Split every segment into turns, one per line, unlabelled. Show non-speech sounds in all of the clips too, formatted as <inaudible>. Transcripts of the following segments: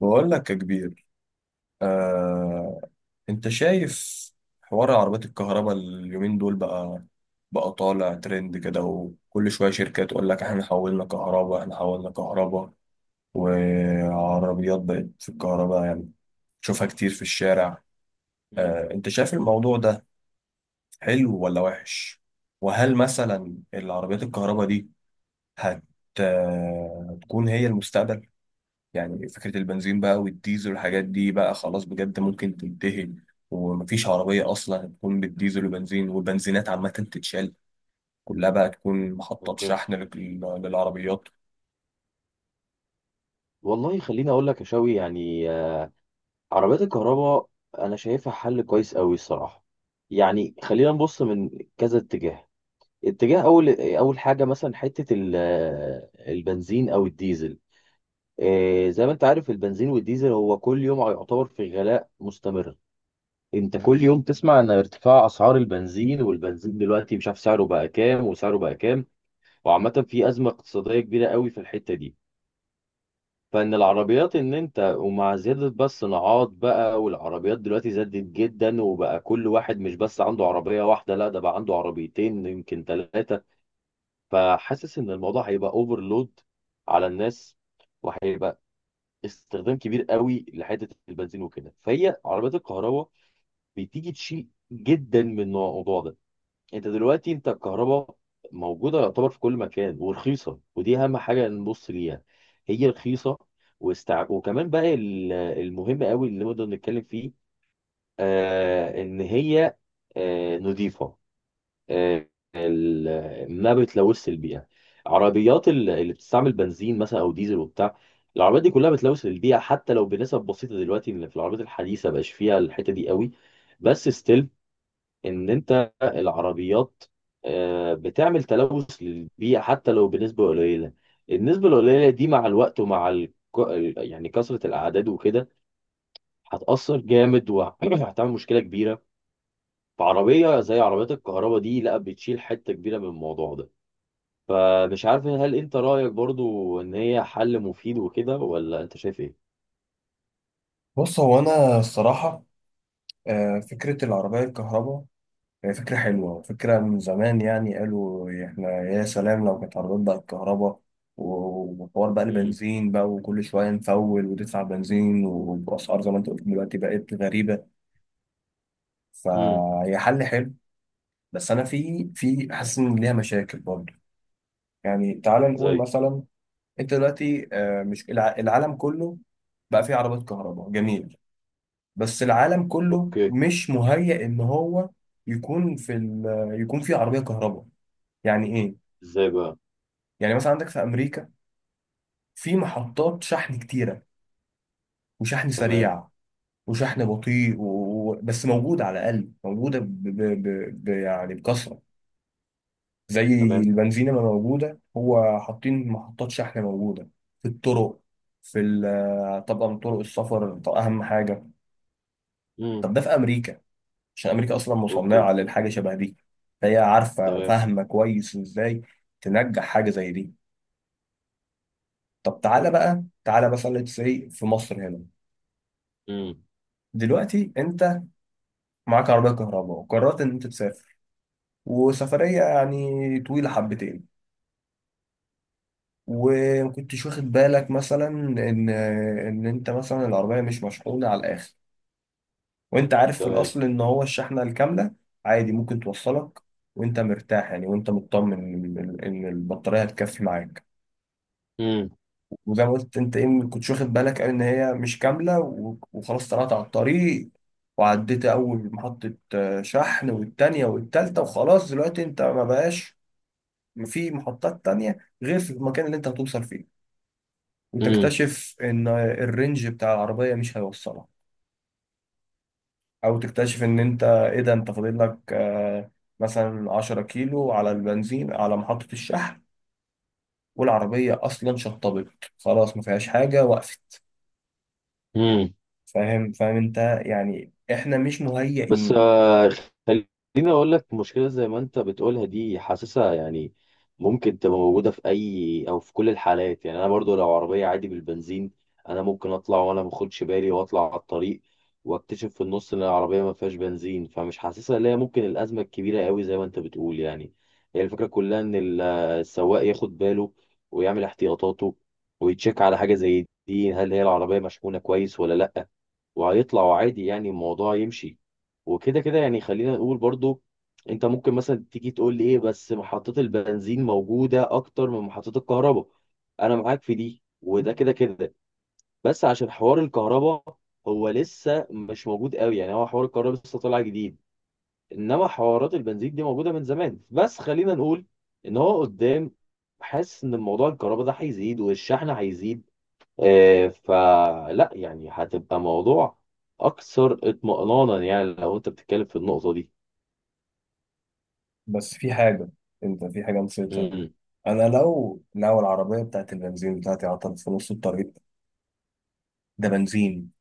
بقول لك يا كبير. آه، انت شايف حوار عربيات الكهرباء اليومين دول بقى طالع ترند كده، وكل شوية شركة تقول لك احنا حولنا كهرباء احنا حولنا كهرباء. وعربيات بقت في الكهرباء، يعني تشوفها كتير في الشارع.
مم.
انت شايف
مم.
الموضوع ده حلو ولا وحش؟ وهل مثلا العربيات الكهرباء دي هت آه، تكون هي المستقبل؟ يعني فكرة البنزين بقى والديزل والحاجات دي بقى خلاص بجد ممكن تنتهي، ومفيش عربية أصلا هتكون بالديزل وبنزين، والبنزينات عامة تتشال كلها بقى تكون محطة
اوكي.
شحن للعربيات.
والله خليني اقول لك. يا شوي يعني عربيات الكهرباء انا شايفها حل كويس قوي الصراحه. يعني خلينا نبص من كذا اتجاه. اتجاه اول حاجه مثلا حته البنزين او الديزل. زي ما انت عارف، البنزين والديزل هو كل يوم يعتبر في غلاء مستمر. انت كل يوم تسمع ان ارتفاع اسعار البنزين، والبنزين دلوقتي مش عارف سعره بقى كام وسعره بقى كام. وعامه في ازمه اقتصاديه كبيره قوي في الحته دي. فان العربيات ان انت، ومع زياده بقى الصناعات بقى، والعربيات دلوقتي زادت جدا وبقى كل واحد مش بس عنده عربيه واحده، لا ده بقى عنده عربيتين يمكن ثلاثه. فحاسس ان الموضوع هيبقى اوفرلود على الناس، وهيبقى استخدام كبير قوي لحته البنزين وكده. فهي عربيات الكهرباء بتيجي تشيل جدا من الموضوع ده. انت دلوقتي الكهرباء موجوده يعتبر في كل مكان ورخيصه، ودي اهم حاجه نبص ليها. هي رخيصه. وكمان بقى المهم قوي اللي نقدر نتكلم فيه. ان هي نظيفه. آه، ما بتلوث البيئه. عربيات اللي بتستعمل بنزين مثلا او ديزل وبتاع، العربيات دي كلها بتلوث البيئه حتى لو بنسب بسيطه. دلوقتي إن في العربيات الحديثه بقاش فيها الحته دي قوي، بس ستيل ان انت العربيات بتعمل تلوث للبيئه حتى لو بنسبه قليله. النسبه القليله دي مع الوقت ومع يعني كثره الاعداد وكده، هتاثر جامد وهتعمل <clears throat> مشكله كبيره. فعربيه زي عربيات الكهرباء دي لا بتشيل حته كبيره من الموضوع ده. فمش عارف، هل انت رايك برضو ان هي حل مفيد وكده، ولا انت شايف ايه؟
بص هو أنا الصراحة، فكرة العربية الكهرباء هي فكرة حلوة، فكرة من زمان، يعني قالوا إحنا يا سلام لو كانت عربيات بقى الكهرباء، وحوار بقى
امم.
البنزين بقى، وكل شوية نفول وتدفع بنزين وبأسعار زي ما أنت قلت دلوقتي بقت غريبة.
امم.
فهي حل حلو، بس انا في حاسس ان ليها مشاكل برضه. يعني تعال
زي.
نقول مثلا، انت دلوقتي مش العالم كله بقى فيه عربات كهرباء، جميل، بس العالم كله
اوكي.
مش مهيأ ان هو يكون في ال... يكون فيه عربية كهرباء. يعني ايه؟
ازاي بقى؟
يعني مثلا عندك في امريكا في محطات شحن كتيرة، وشحن
تمام.
سريع، وشحن بطيء بس موجودة، على الاقل موجودة يعني بكثرة، زي
تمام.
البنزينة ما موجودة، هو حاطين محطات شحن موجودة في الطرق، في طبعا طرق السفر، طب أهم حاجة.
امم.
طب ده في أمريكا، عشان أمريكا أصلا
اوكي.
مصنعة للحاجة شبه دي، فهي عارفة
تمام.
فاهمة كويس إزاي تنجح حاجة زي دي. طب تعالى بقى تعالى مثلا سي في مصر هنا.
امم.
دلوقتي أنت معاك عربية كهرباء وقررت إن أنت تسافر، وسفرية يعني طويلة حبتين، وما كنتش واخد بالك مثلا ان انت مثلا العربيه مش مشحونه على الاخر، وانت عارف في
تمام.
الاصل ان هو الشحنه الكامله عادي ممكن توصلك، وانت مرتاح يعني، وانت مطمن ان البطاريه هتكفي معاك.
امم.
وزي ما قلت انت ايه، ما كنتش واخد بالك ان هي مش كامله، وخلاص طلعت على الطريق، وعديت اول محطه شحن والتانيه والتالته، وخلاص دلوقتي انت ما بقاش في محطات تانيه غير في المكان اللي انت هتوصل فيه،
امم.
وتكتشف ان الرينج بتاع العربية مش هيوصلها، او تكتشف ان انت ايه ده، انت فاضل لك مثلا 10 كيلو على البنزين على محطة الشحن، والعربية اصلا شطبت خلاص، ما فيهاش حاجة، وقفت.
امم.
فاهم فاهم انت، يعني احنا مش
بس
مهيئين.
خليني اقول لك، مشكله زي ما انت بتقولها دي حاسسها يعني ممكن تبقى موجوده في اي او في كل الحالات. يعني انا برضو لو عربيه عادي بالبنزين، انا ممكن اطلع وانا ما باخدش بالي واطلع على الطريق، واكتشف في النص ان العربيه ما فيهاش بنزين. فمش حاسسها اللي هي ممكن الازمه الكبيره قوي زي ما انت بتقول يعني. هي الفكره كلها ان السواق ياخد باله ويعمل احتياطاته ويتشيك على حاجه زي دي، هل هي العربيه مشحونه كويس ولا لا. وهيطلع عادي يعني الموضوع يمشي. وكده كده يعني. خلينا نقول برضو، انت ممكن مثلا تيجي تقول لي ايه، بس محطة البنزين موجودة اكتر من محطة الكهرباء. انا معاك في دي، وده كده كده. بس عشان حوار الكهرباء هو لسه مش موجود قوي، يعني هو حوار الكهرباء لسه طالع جديد، انما حوارات البنزين دي موجودة من زمان. بس خلينا نقول ان هو قدام، حاسس ان موضوع الكهرباء ده هيزيد والشحن هيزيد. فلا يعني هتبقى موضوع اكثر اطمئنانا، يعني لو انت بتتكلم في النقطة دي.
بس في حاجة، انت في حاجة نسيتها.
مم.
انا لو العربية بتاعت البنزين بتاعتي عطلت في نص الطريق، ده بنزين،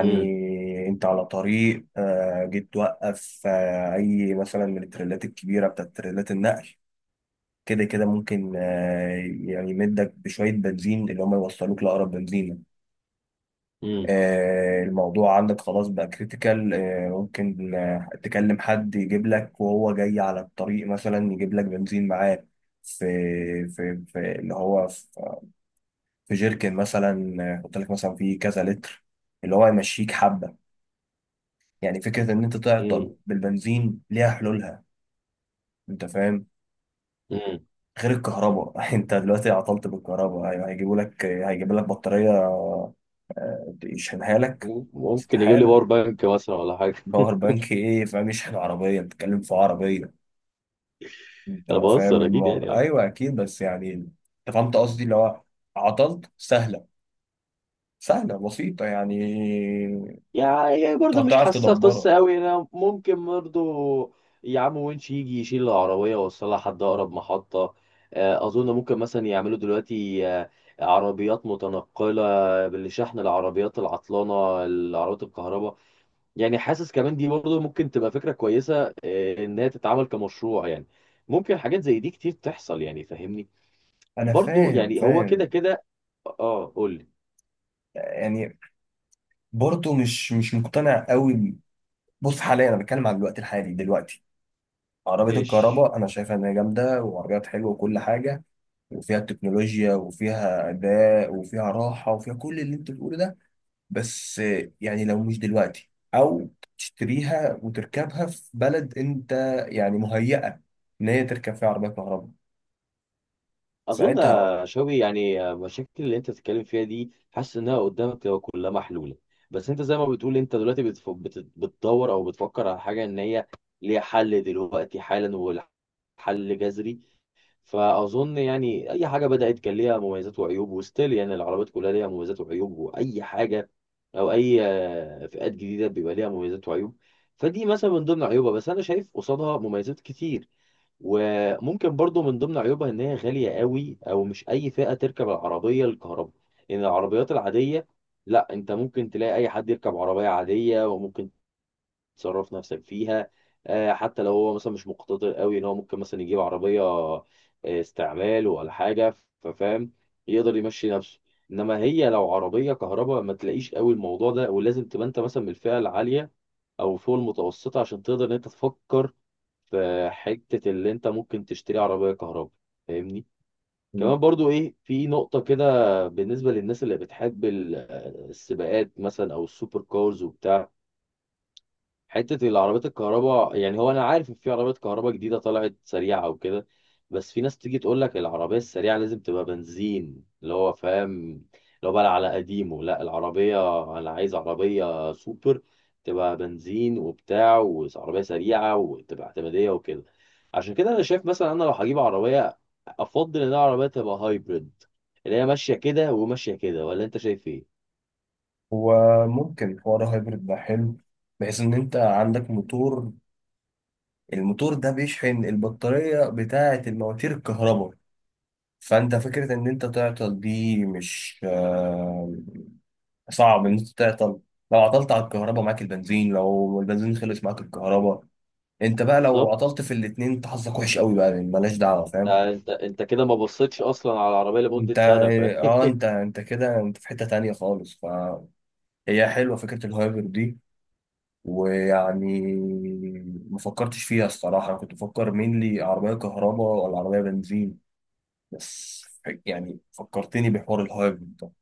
مم.
انت على طريق، جيت توقف اي مثلا من التريلات الكبيره بتاعت تريلات النقل، كده كده ممكن، يعني يمدك بشويه بنزين، اللي هم يوصلوك لاقرب بنزينه.
مم.
الموضوع عندك خلاص بقى كريتيكال، ممكن تكلم حد يجيب لك وهو جاي على الطريق مثلا يجيب لك بنزين معاه في في اللي هو في في جيركن مثلا، يحط لك مثلا فيه كذا لتر، اللي هو يمشيك حبه. يعني فكرة إن أنت
مم.
تعطل بالبنزين ليها حلولها. أنت فاهم؟
مم.
غير الكهرباء <laughs> أنت دلوقتي عطلت بالكهرباء، هيجيبوا لك بطارية يشحنها لك؟
ممكن يجيب لي
استحالة.
باور بانك مثلا ولا حاجه؟
باور بانك إيه فاهم؟ يشحن عربية؟ بتتكلم في عربية.
<laughs>
أنت
انا
فاهم
بهزر اكيد يعني
الموضوع،
اه.
أيوه أكيد، بس يعني أنت فهمت قصدي، اللي هو عطلت سهلة، سهلة بسيطة يعني،
يعني برضه مش
هتعرف
حاسسها
تدبرها.
قصه قوي. انا ممكن برضه، يا عم، وينش يجي يشيل العربيه ويوصلها لحد اقرب محطه. اظن ممكن مثلا يعملوا دلوقتي عربيات متنقله بالشحن، العربيات العطلانه، العربيات الكهرباء. يعني حاسس كمان دي برضه ممكن تبقى فكرة كويسة، إنها تتعمل كمشروع يعني. ممكن حاجات زي دي كتير تحصل يعني، فاهمني؟
أنا
برضه
فاهم
يعني هو كده
فاهم،
كده. اه قول لي.
يعني برضه مش مقتنع قوي. بص حاليا انا بتكلم عن الوقت الحالي دلوقتي، عربية
مش
الكهرباء انا شايفها ان هي جامدة، وعربيات حلوة وكل حاجة، وفيها تكنولوجيا، وفيها اداء، وفيها راحة، وفيها كل اللي انت بتقوله ده، بس يعني لو مش دلوقتي، او تشتريها وتركبها في بلد انت يعني مهيئة ان هي تركب فيها عربية كهرباء
أظن
ساعتها.
يا شوقي. يعني المشاكل اللي أنت بتتكلم فيها دي حاسس إنها قدامك تبقى كلها محلولة. بس أنت زي ما بتقول، أنت دلوقتي بتدور أو بتفكر على حاجة إن هي ليها حل دلوقتي حالا والحل جذري. فاظن يعني اي حاجه بدات كان ليها مميزات وعيوب، وستيل يعني العربيات كلها ليها مميزات وعيوب، واي حاجه او اي فئات جديده بيبقى ليها مميزات وعيوب. فدي مثلا من ضمن عيوبها، بس انا شايف قصادها مميزات كتير. وممكن برضو من ضمن عيوبها ان هي غاليه قوي، او مش اي فئه تركب العربيه الكهرباء. ان العربيات العاديه، لا، انت ممكن تلاقي اي حد يركب عربيه عاديه، وممكن تصرف نفسك فيها حتى لو هو مثلا مش مقتدر قوي، ان هو ممكن مثلا يجيب عربية استعمال ولا حاجة. ففاهم، يقدر يمشي نفسه. انما هي لو عربية كهرباء ما تلاقيش قوي الموضوع ده، ولازم تبقى انت مثلا من الفئة العالية او فوق المتوسطة عشان تقدر ان انت تفكر في حتة اللي انت ممكن تشتري عربية كهرباء. فاهمني؟ كمان برضو ايه، في نقطة كده بالنسبة للناس اللي بتحب السباقات مثلا او السوبر كارز وبتاع. حتة العربيات الكهرباء، يعني هو أنا عارف إن في عربيات كهرباء جديدة طلعت سريعة وكده، بس في ناس تيجي تقول لك العربية السريعة لازم تبقى بنزين. اللي هو فاهم، اللي هو بقى على قديمه. لا، العربية أنا عايز عربية سوبر تبقى بنزين وبتاع، وعربية سريعة، وتبقى اعتمادية وكده. عشان كده أنا شايف مثلا، أنا لو هجيب عربية، أفضل إن العربية تبقى هايبريد، اللي هي ماشية كده وماشية كده. ولا أنت شايف إيه؟
هو ممكن حوار هايبرد ده حلو، بحيث ان انت عندك موتور، الموتور ده بيشحن البطارية بتاعة المواتير الكهرباء، فانت فكره ان انت تعطل دي مش صعب. ان انت تعطل، لو عطلت على الكهرباء معاك البنزين، لو البنزين خلص معاك الكهرباء، انت بقى لو
بالظبط.
عطلت في الاتنين انت حظك وحش قوي بقى، يعني ملهاش دعوه. فاهم
ده انت كده ما بصيتش اصلا على العربيه لمده
انت،
سنه، فاهم؟
اه، انت كده انت في حته تانية خالص، فهي حلوه فكره الهايبر دي، ويعني ما فكرتش فيها الصراحه، انا كنت بفكر مين عربيه كهرباء ولا عربيه بنزين بس، يعني فكرتني بحوار الهايبر ده.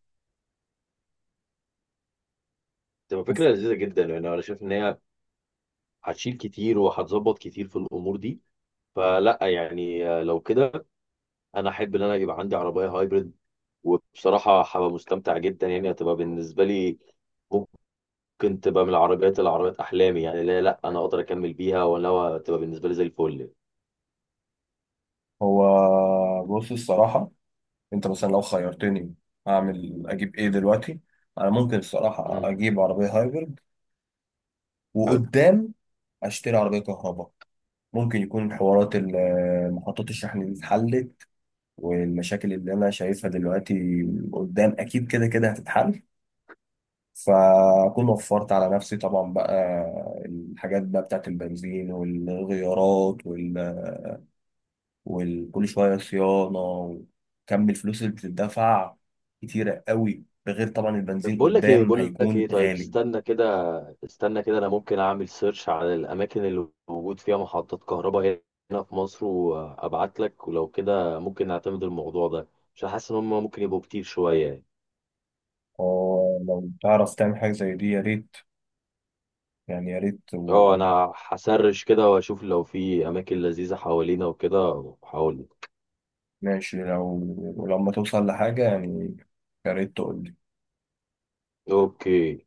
<laughs> تبقى فكره لذيذه جدا. يعني انا شايف ان هي هتشيل كتير وهتظبط كتير في الامور دي. فلا يعني لو كده، انا احب ان انا يبقى عندي عربيه هايبرد. وبصراحه هبقى مستمتع جدا، يعني هتبقى بالنسبه لي ممكن تبقى من العربيات احلامي. يعني لا لا انا اقدر اكمل بيها، ولا هو تبقى بالنسبه لي زي الفل.
هو بص الصراحة، انت مثلا لو خيرتني اعمل اجيب ايه دلوقتي، انا ممكن الصراحة
مم.
اجيب عربية هايبرد،
حلو.
وقدام اشتري عربية كهرباء، ممكن يكون حوارات محطات الشحن دي اتحلت، والمشاكل اللي انا شايفها دلوقتي قدام اكيد كده كده هتتحل، فاكون وفرت على نفسي طبعا بقى الحاجات بقى بتاعت البنزين والغيارات وكل شوية صيانة، وكم الفلوس اللي بتدفع كتيرة قوي، ده غير طبعا
طب
البنزين
بقول لك ايه.
قدام هيكون
طيب،
غالي.
استنى كده استنى كده، انا ممكن اعمل سيرش على الاماكن اللي موجود فيها محطات كهرباء هنا في مصر، وابعت لك. ولو كده ممكن نعتمد الموضوع ده، عشان حاسس ان هم ممكن يبقوا كتير شويه يعني.
فلو تعرف تعمل حاجة زي دي يا ريت، يعني يا ريت.
اه انا هسرش كده واشوف لو في اماكن لذيذه حوالينا وكده وهقول لك.
وماشي، لو ولما توصل لحاجة يعني، يا ريت تقول.
اوكي